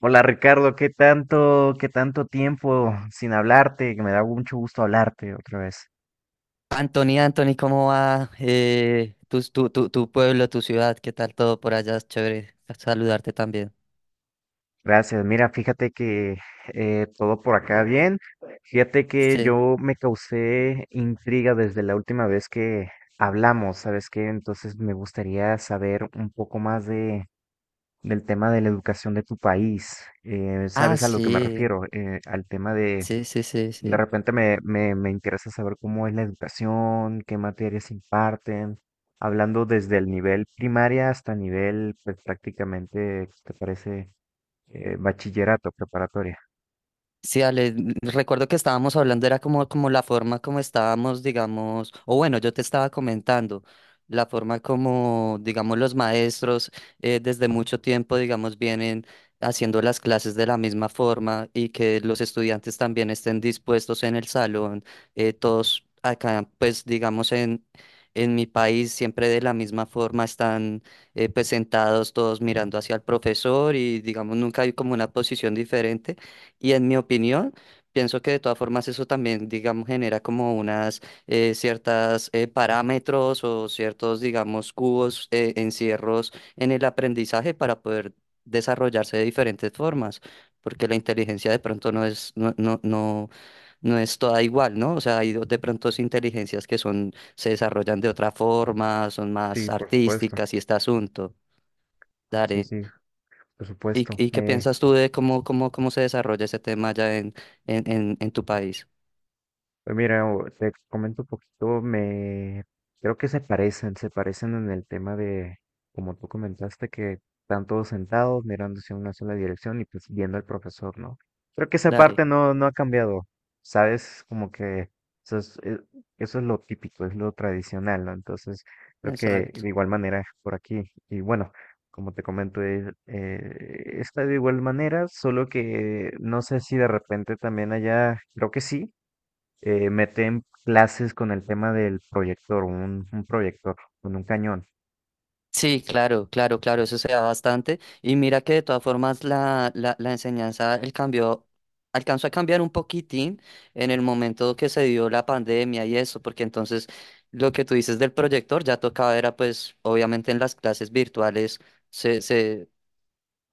Hola Ricardo, qué tanto tiempo sin hablarte? Que me da mucho gusto hablarte otra vez. Anthony, Anthony, ¿cómo va tu pueblo, tu ciudad? ¿Qué tal todo por allá? Es chévere saludarte también. Gracias. Mira, fíjate que todo por acá bien. Fíjate que Sí. yo me causé intriga desde la última vez que hablamos, ¿sabes qué? Entonces me gustaría saber un poco más del tema de la educación de tu país. Ah, ¿Sabes a lo que me sí, refiero? Al tema de. sí, sí, sí, De sí. repente me interesa saber cómo es la educación, qué materias imparten, hablando desde el nivel primaria hasta nivel, pues prácticamente, ¿qué te parece? Bachillerato, preparatoria. Sí, Ale, recuerdo que estábamos hablando, era como, como la forma como estábamos, digamos, o bueno, yo te estaba comentando, la forma como, digamos, los maestros desde mucho tiempo, digamos, vienen haciendo las clases de la misma forma y que los estudiantes también estén dispuestos en el salón, todos acá, pues, digamos, en mi país, siempre de la misma forma están pues sentados todos mirando hacia el profesor y, digamos, nunca hay como una posición diferente. Y en mi opinión, pienso que de todas formas eso también, digamos, genera como unas ciertas parámetros o ciertos, digamos, cubos, encierros en el aprendizaje para poder desarrollarse de diferentes formas, porque la inteligencia de pronto no es, no es toda igual, ¿no? O sea, hay de pronto sí inteligencias que son, se desarrollan de otra forma, son más Sí, por supuesto. artísticas y este asunto. Sí, Dale. sí, por supuesto. Y qué piensas tú de cómo, cómo, cómo se desarrolla ese tema ya en, en tu país? Pues mira, te comento un poquito, me creo que se parecen en el tema de, como tú comentaste, que están todos sentados mirándose en una sola dirección y pues viendo al profesor, ¿no? Creo que esa Dale, parte no ha cambiado, ¿sabes? Como que eso es, eh, eso es lo típico, es lo tradicional, ¿no? Entonces, creo que de exacto. igual manera por aquí, y bueno, como te comento, es, está de igual manera, solo que no sé si de repente también allá, creo que sí meten clases con el tema del proyector, un proyector con un cañón. Sí, claro, claro, claro, eso se da bastante. Y mira que de todas formas la enseñanza, el cambio, alcanzó a cambiar un poquitín en el momento que se dio la pandemia y eso, porque entonces lo que tú dices del proyector ya tocaba era pues obviamente en las clases virtuales se se,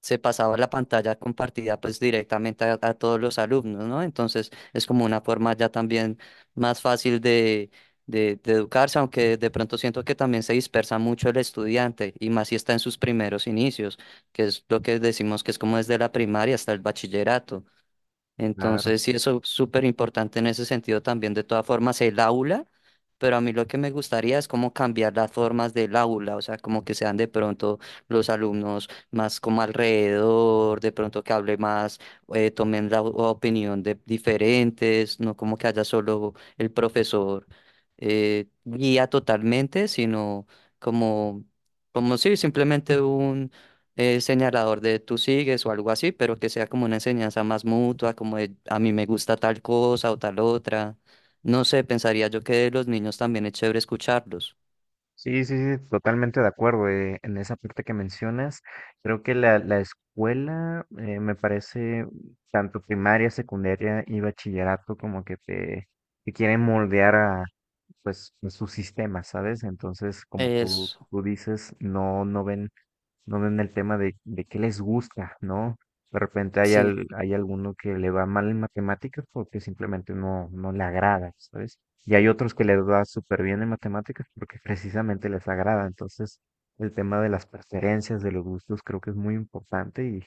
se pasaba la pantalla compartida pues directamente a todos los alumnos, ¿no? Entonces es como una forma ya también más fácil de, de educarse, aunque de pronto siento que también se dispersa mucho el estudiante y más si está en sus primeros inicios, que es lo que decimos que es como desde la primaria hasta el bachillerato. Claro. Entonces, sí, eso es súper importante en ese sentido también. De todas formas, el aula, pero a mí lo que me gustaría es como cambiar las formas del aula, o sea, como que sean de pronto los alumnos más como alrededor, de pronto que hable más, tomen la o- opinión de diferentes, no como que haya solo el profesor guía totalmente, sino como, como sí, simplemente señalador de tú sigues o algo así, pero que sea como una enseñanza más mutua, como de a mí me gusta tal cosa o tal otra. No sé, pensaría yo que de los niños también es chévere escucharlos. Sí, sí, sí, totalmente de acuerdo. En esa parte que mencionas, creo que la escuela, me parece, tanto primaria, secundaria y bachillerato, como que te quieren moldear a, pues, a su sistema, ¿sabes? Entonces, como Eso, tú dices, no ven no ven el tema de qué les gusta, ¿no? De repente hay, sí. Hay alguno que le va mal en matemáticas porque simplemente no le agrada, ¿sabes? Y hay otros que les va súper bien en matemáticas porque precisamente les agrada. Entonces, el tema de las preferencias, de los gustos, creo que es muy importante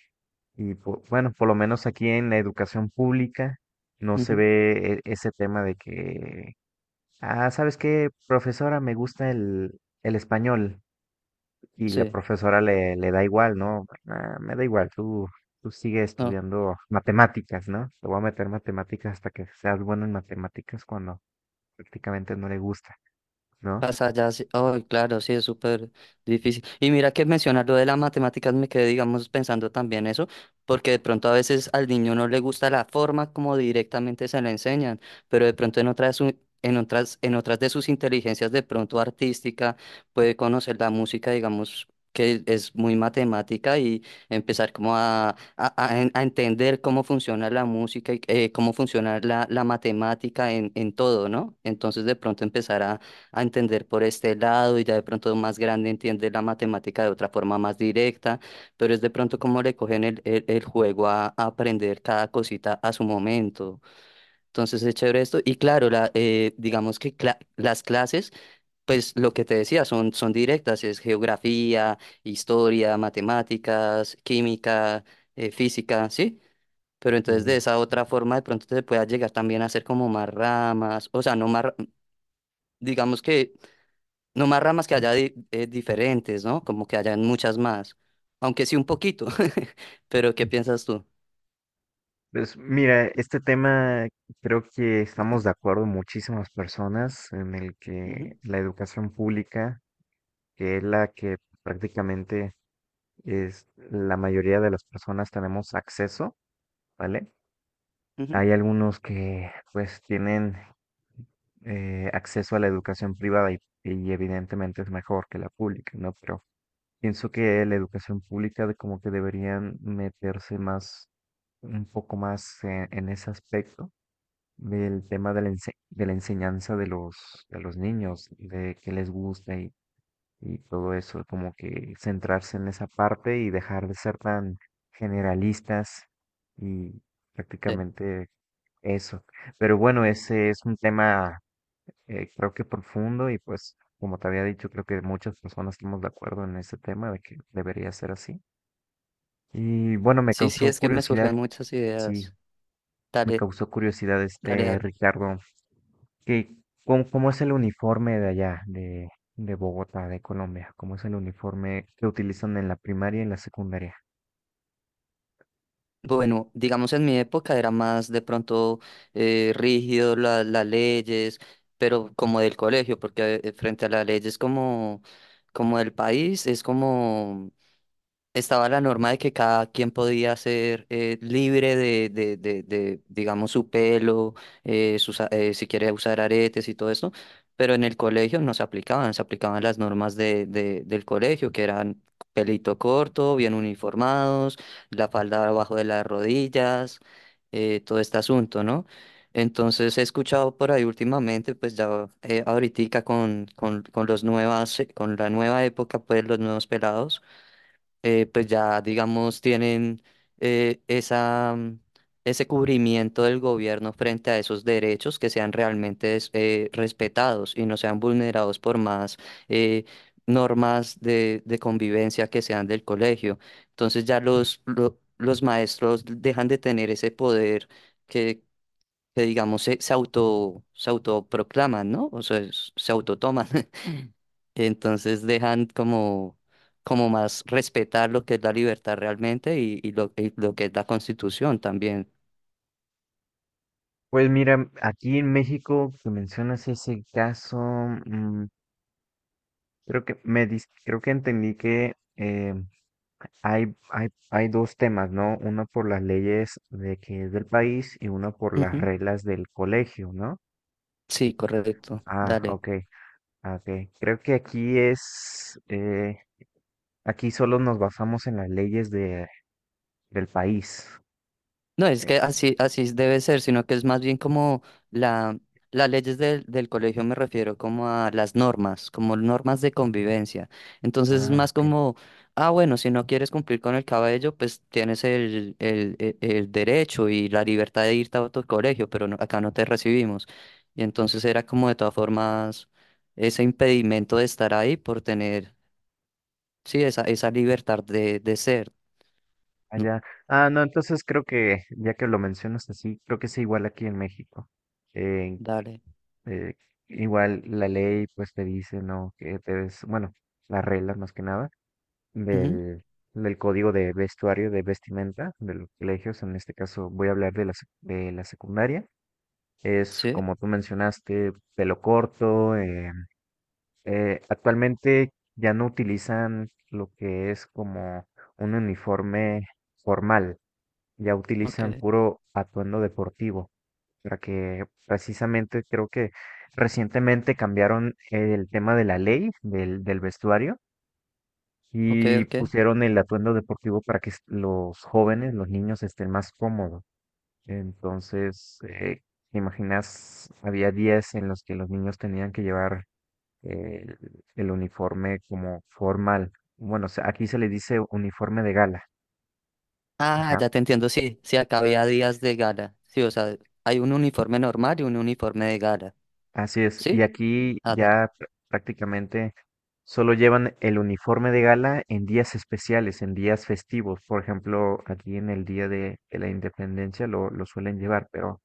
y bueno, por lo menos aquí en la educación pública no se Ujú. ve ese tema de que, ah, ¿sabes qué, profesora? Me gusta el español. Y la Sí, profesora le da igual, ¿no? "Ah, me da igual, tú sigue no. estudiando matemáticas, ¿no? Te voy a meter matemáticas hasta que seas bueno en matemáticas cuando prácticamente no le gusta, ¿no? Pasa ya, sí. Oh, claro, sí, es súper difícil. Y mira que mencionar lo de las matemáticas me quedé, digamos, pensando también eso, porque de pronto a veces al niño no le gusta la forma como directamente se le enseñan, pero de pronto en otras, en otras, en otras de sus inteligencias, de pronto artística, puede conocer la música, digamos, que es muy matemática y empezar como a, a entender cómo funciona la música y cómo funciona la, la matemática en todo, ¿no? Entonces de pronto empezar a entender por este lado y ya de pronto más grande entiende la matemática de otra forma más directa, pero es de pronto como le cogen el, el juego a aprender cada cosita a su momento. Entonces es chévere esto. Y claro, la, digamos que las clases, pues lo que te decía, son, son directas, es geografía, historia, matemáticas, química, física, ¿sí? Pero entonces de Y esa otra forma de pronto te puedas llegar también a hacer como más ramas, o sea, no más, digamos que no más ramas que haya diferentes, ¿no? Como que hayan muchas más. Aunque sí un poquito. Pero ¿qué piensas tú? pues mira, este tema creo que estamos de acuerdo muchísimas personas en el que Ujú, la educación pública, que es la que prácticamente es la mayoría de las personas tenemos acceso, ¿vale? ujú. Hay algunos que pues tienen acceso a la educación privada y evidentemente es mejor que la pública, ¿no? Pero pienso que la educación pública como que deberían meterse más, un poco más en ese aspecto del tema de la, de la enseñanza de los niños, de qué les gusta y todo eso, como que centrarse en esa parte y dejar de ser tan generalistas y Sí. prácticamente eso. Pero bueno, ese es un tema creo que profundo y pues como te había dicho, creo que muchas personas estamos de acuerdo en ese tema de que debería ser así. Y bueno, me Sí, sí, causó es que me curiosidad, surgen muchas sí, ideas. me Dale, causó curiosidad dale, este dale. Ricardo, que cómo, cómo es el uniforme de allá, de Bogotá, de Colombia, cómo es el uniforme que utilizan en la primaria y en la secundaria. Bueno, digamos en mi época era más de pronto rígido las leyes, pero como del colegio, porque frente a las leyes como, como del país es como estaba la norma de que cada quien podía ser libre de, digamos, su pelo, si quiere usar aretes y todo esto, pero en el colegio no se aplicaban, se aplicaban las normas de, del colegio, que eran pelito corto, bien uniformados, la falda abajo de las rodillas, todo este asunto, ¿no? Entonces he escuchado por ahí últimamente, pues ya ahoritica con, con los nuevas, con la nueva época, pues los nuevos pelados pues ya, digamos, tienen esa, ese cubrimiento del gobierno frente a esos derechos que sean realmente respetados y no sean vulnerados por más eh, normas de, convivencia que sean del colegio. Entonces ya los, los maestros dejan de tener ese poder que digamos se, se auto se autoproclaman, ¿no? O sea, se autotoman. Entonces dejan como como más respetar lo que es la libertad realmente y lo que es la Constitución también. Pues mira, aquí en México, que mencionas ese caso, mm, creo que creo que entendí que hay, hay dos temas, ¿no? Uno por las leyes de que es del país y uno por las Ujú. reglas del colegio, ¿no? Sí, correcto. Ah, Dale. ok, ah, ok. Creo que aquí es, aquí solo nos basamos en las leyes de, del país. No, es Eh, que así, así debe ser, sino que es más bien como la, las leyes del, del colegio me refiero como a las normas, como normas de convivencia. Entonces es ah, más ok. como, ah, bueno, si no quieres cumplir con el cabello, pues tienes el, el derecho y la libertad de irte a otro colegio, pero acá no te recibimos. Y entonces era como de todas formas ese impedimento de estar ahí por tener, sí, esa libertad de ser. No, Allá. Ah, no, entonces creo que, ya que lo mencionas así, creo que es igual aquí en México. Eh, dale. eh, igual la ley pues te dice, ¿no? Que te des, bueno, las reglas más que nada Ujú. del, del código de vestuario, de vestimenta de los colegios. En este caso voy a hablar de la, de la secundaria. Es Sí, como tú mencionaste, pelo corto. Actualmente ya no utilizan lo que es como un uniforme formal, ya ok, utilizan puro atuendo deportivo, para que precisamente creo que recientemente cambiaron el tema de la ley del, del vestuario ok, y ok. pusieron el atuendo deportivo para que los jóvenes, los niños estén más cómodos. Entonces, ¿te imaginas, había días en los que los niños tenían que llevar eh, el, el uniforme como formal? Bueno, aquí se le dice uniforme de gala. Ah, Ajá. ya te entiendo, sí, sí, acá había días de gala. Sí, o sea, hay un uniforme normal y un uniforme de gala. Así es. Y ¿Sí? aquí Ah, dale. ya prácticamente solo llevan el uniforme de gala en días especiales, en días festivos. Por ejemplo, aquí en el Día de la Independencia lo suelen llevar, pero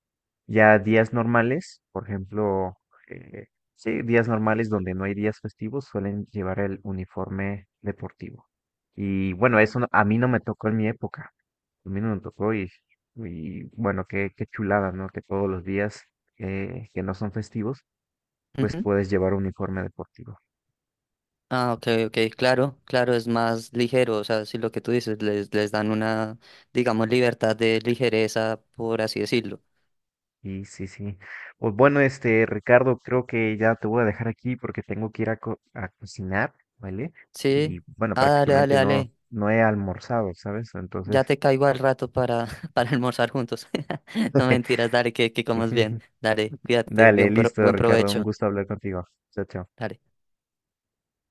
ya días normales, por ejemplo, eh, sí, días normales donde no hay días festivos suelen llevar el uniforme deportivo. Y bueno, eso a mí no me tocó en mi época. A mí no me tocó y bueno, qué, qué chulada, ¿no? Que todos los días que no son festivos pues Ujú. puedes llevar un uniforme deportivo. Ah, ok, ok, claro, claro, es más ligero, o sea, sí, lo que tú dices, les dan una, digamos, libertad de ligereza, por así decirlo. Y sí, sí. Pues bueno, este, Ricardo, creo que ya te voy a dejar aquí porque tengo que ir a, a cocinar, ¿vale? Sí. Y bueno, Ah, dale, dale, prácticamente no, dale. no he almorzado, ¿sabes? Entonces, Ya te caigo al rato para, para almorzar juntos. No mentiras, dale, que comas bien. Dale, cuídate, dale, bien, listo, buen Ricardo, un provecho. gusto hablar contigo. Chao, chao. Dale.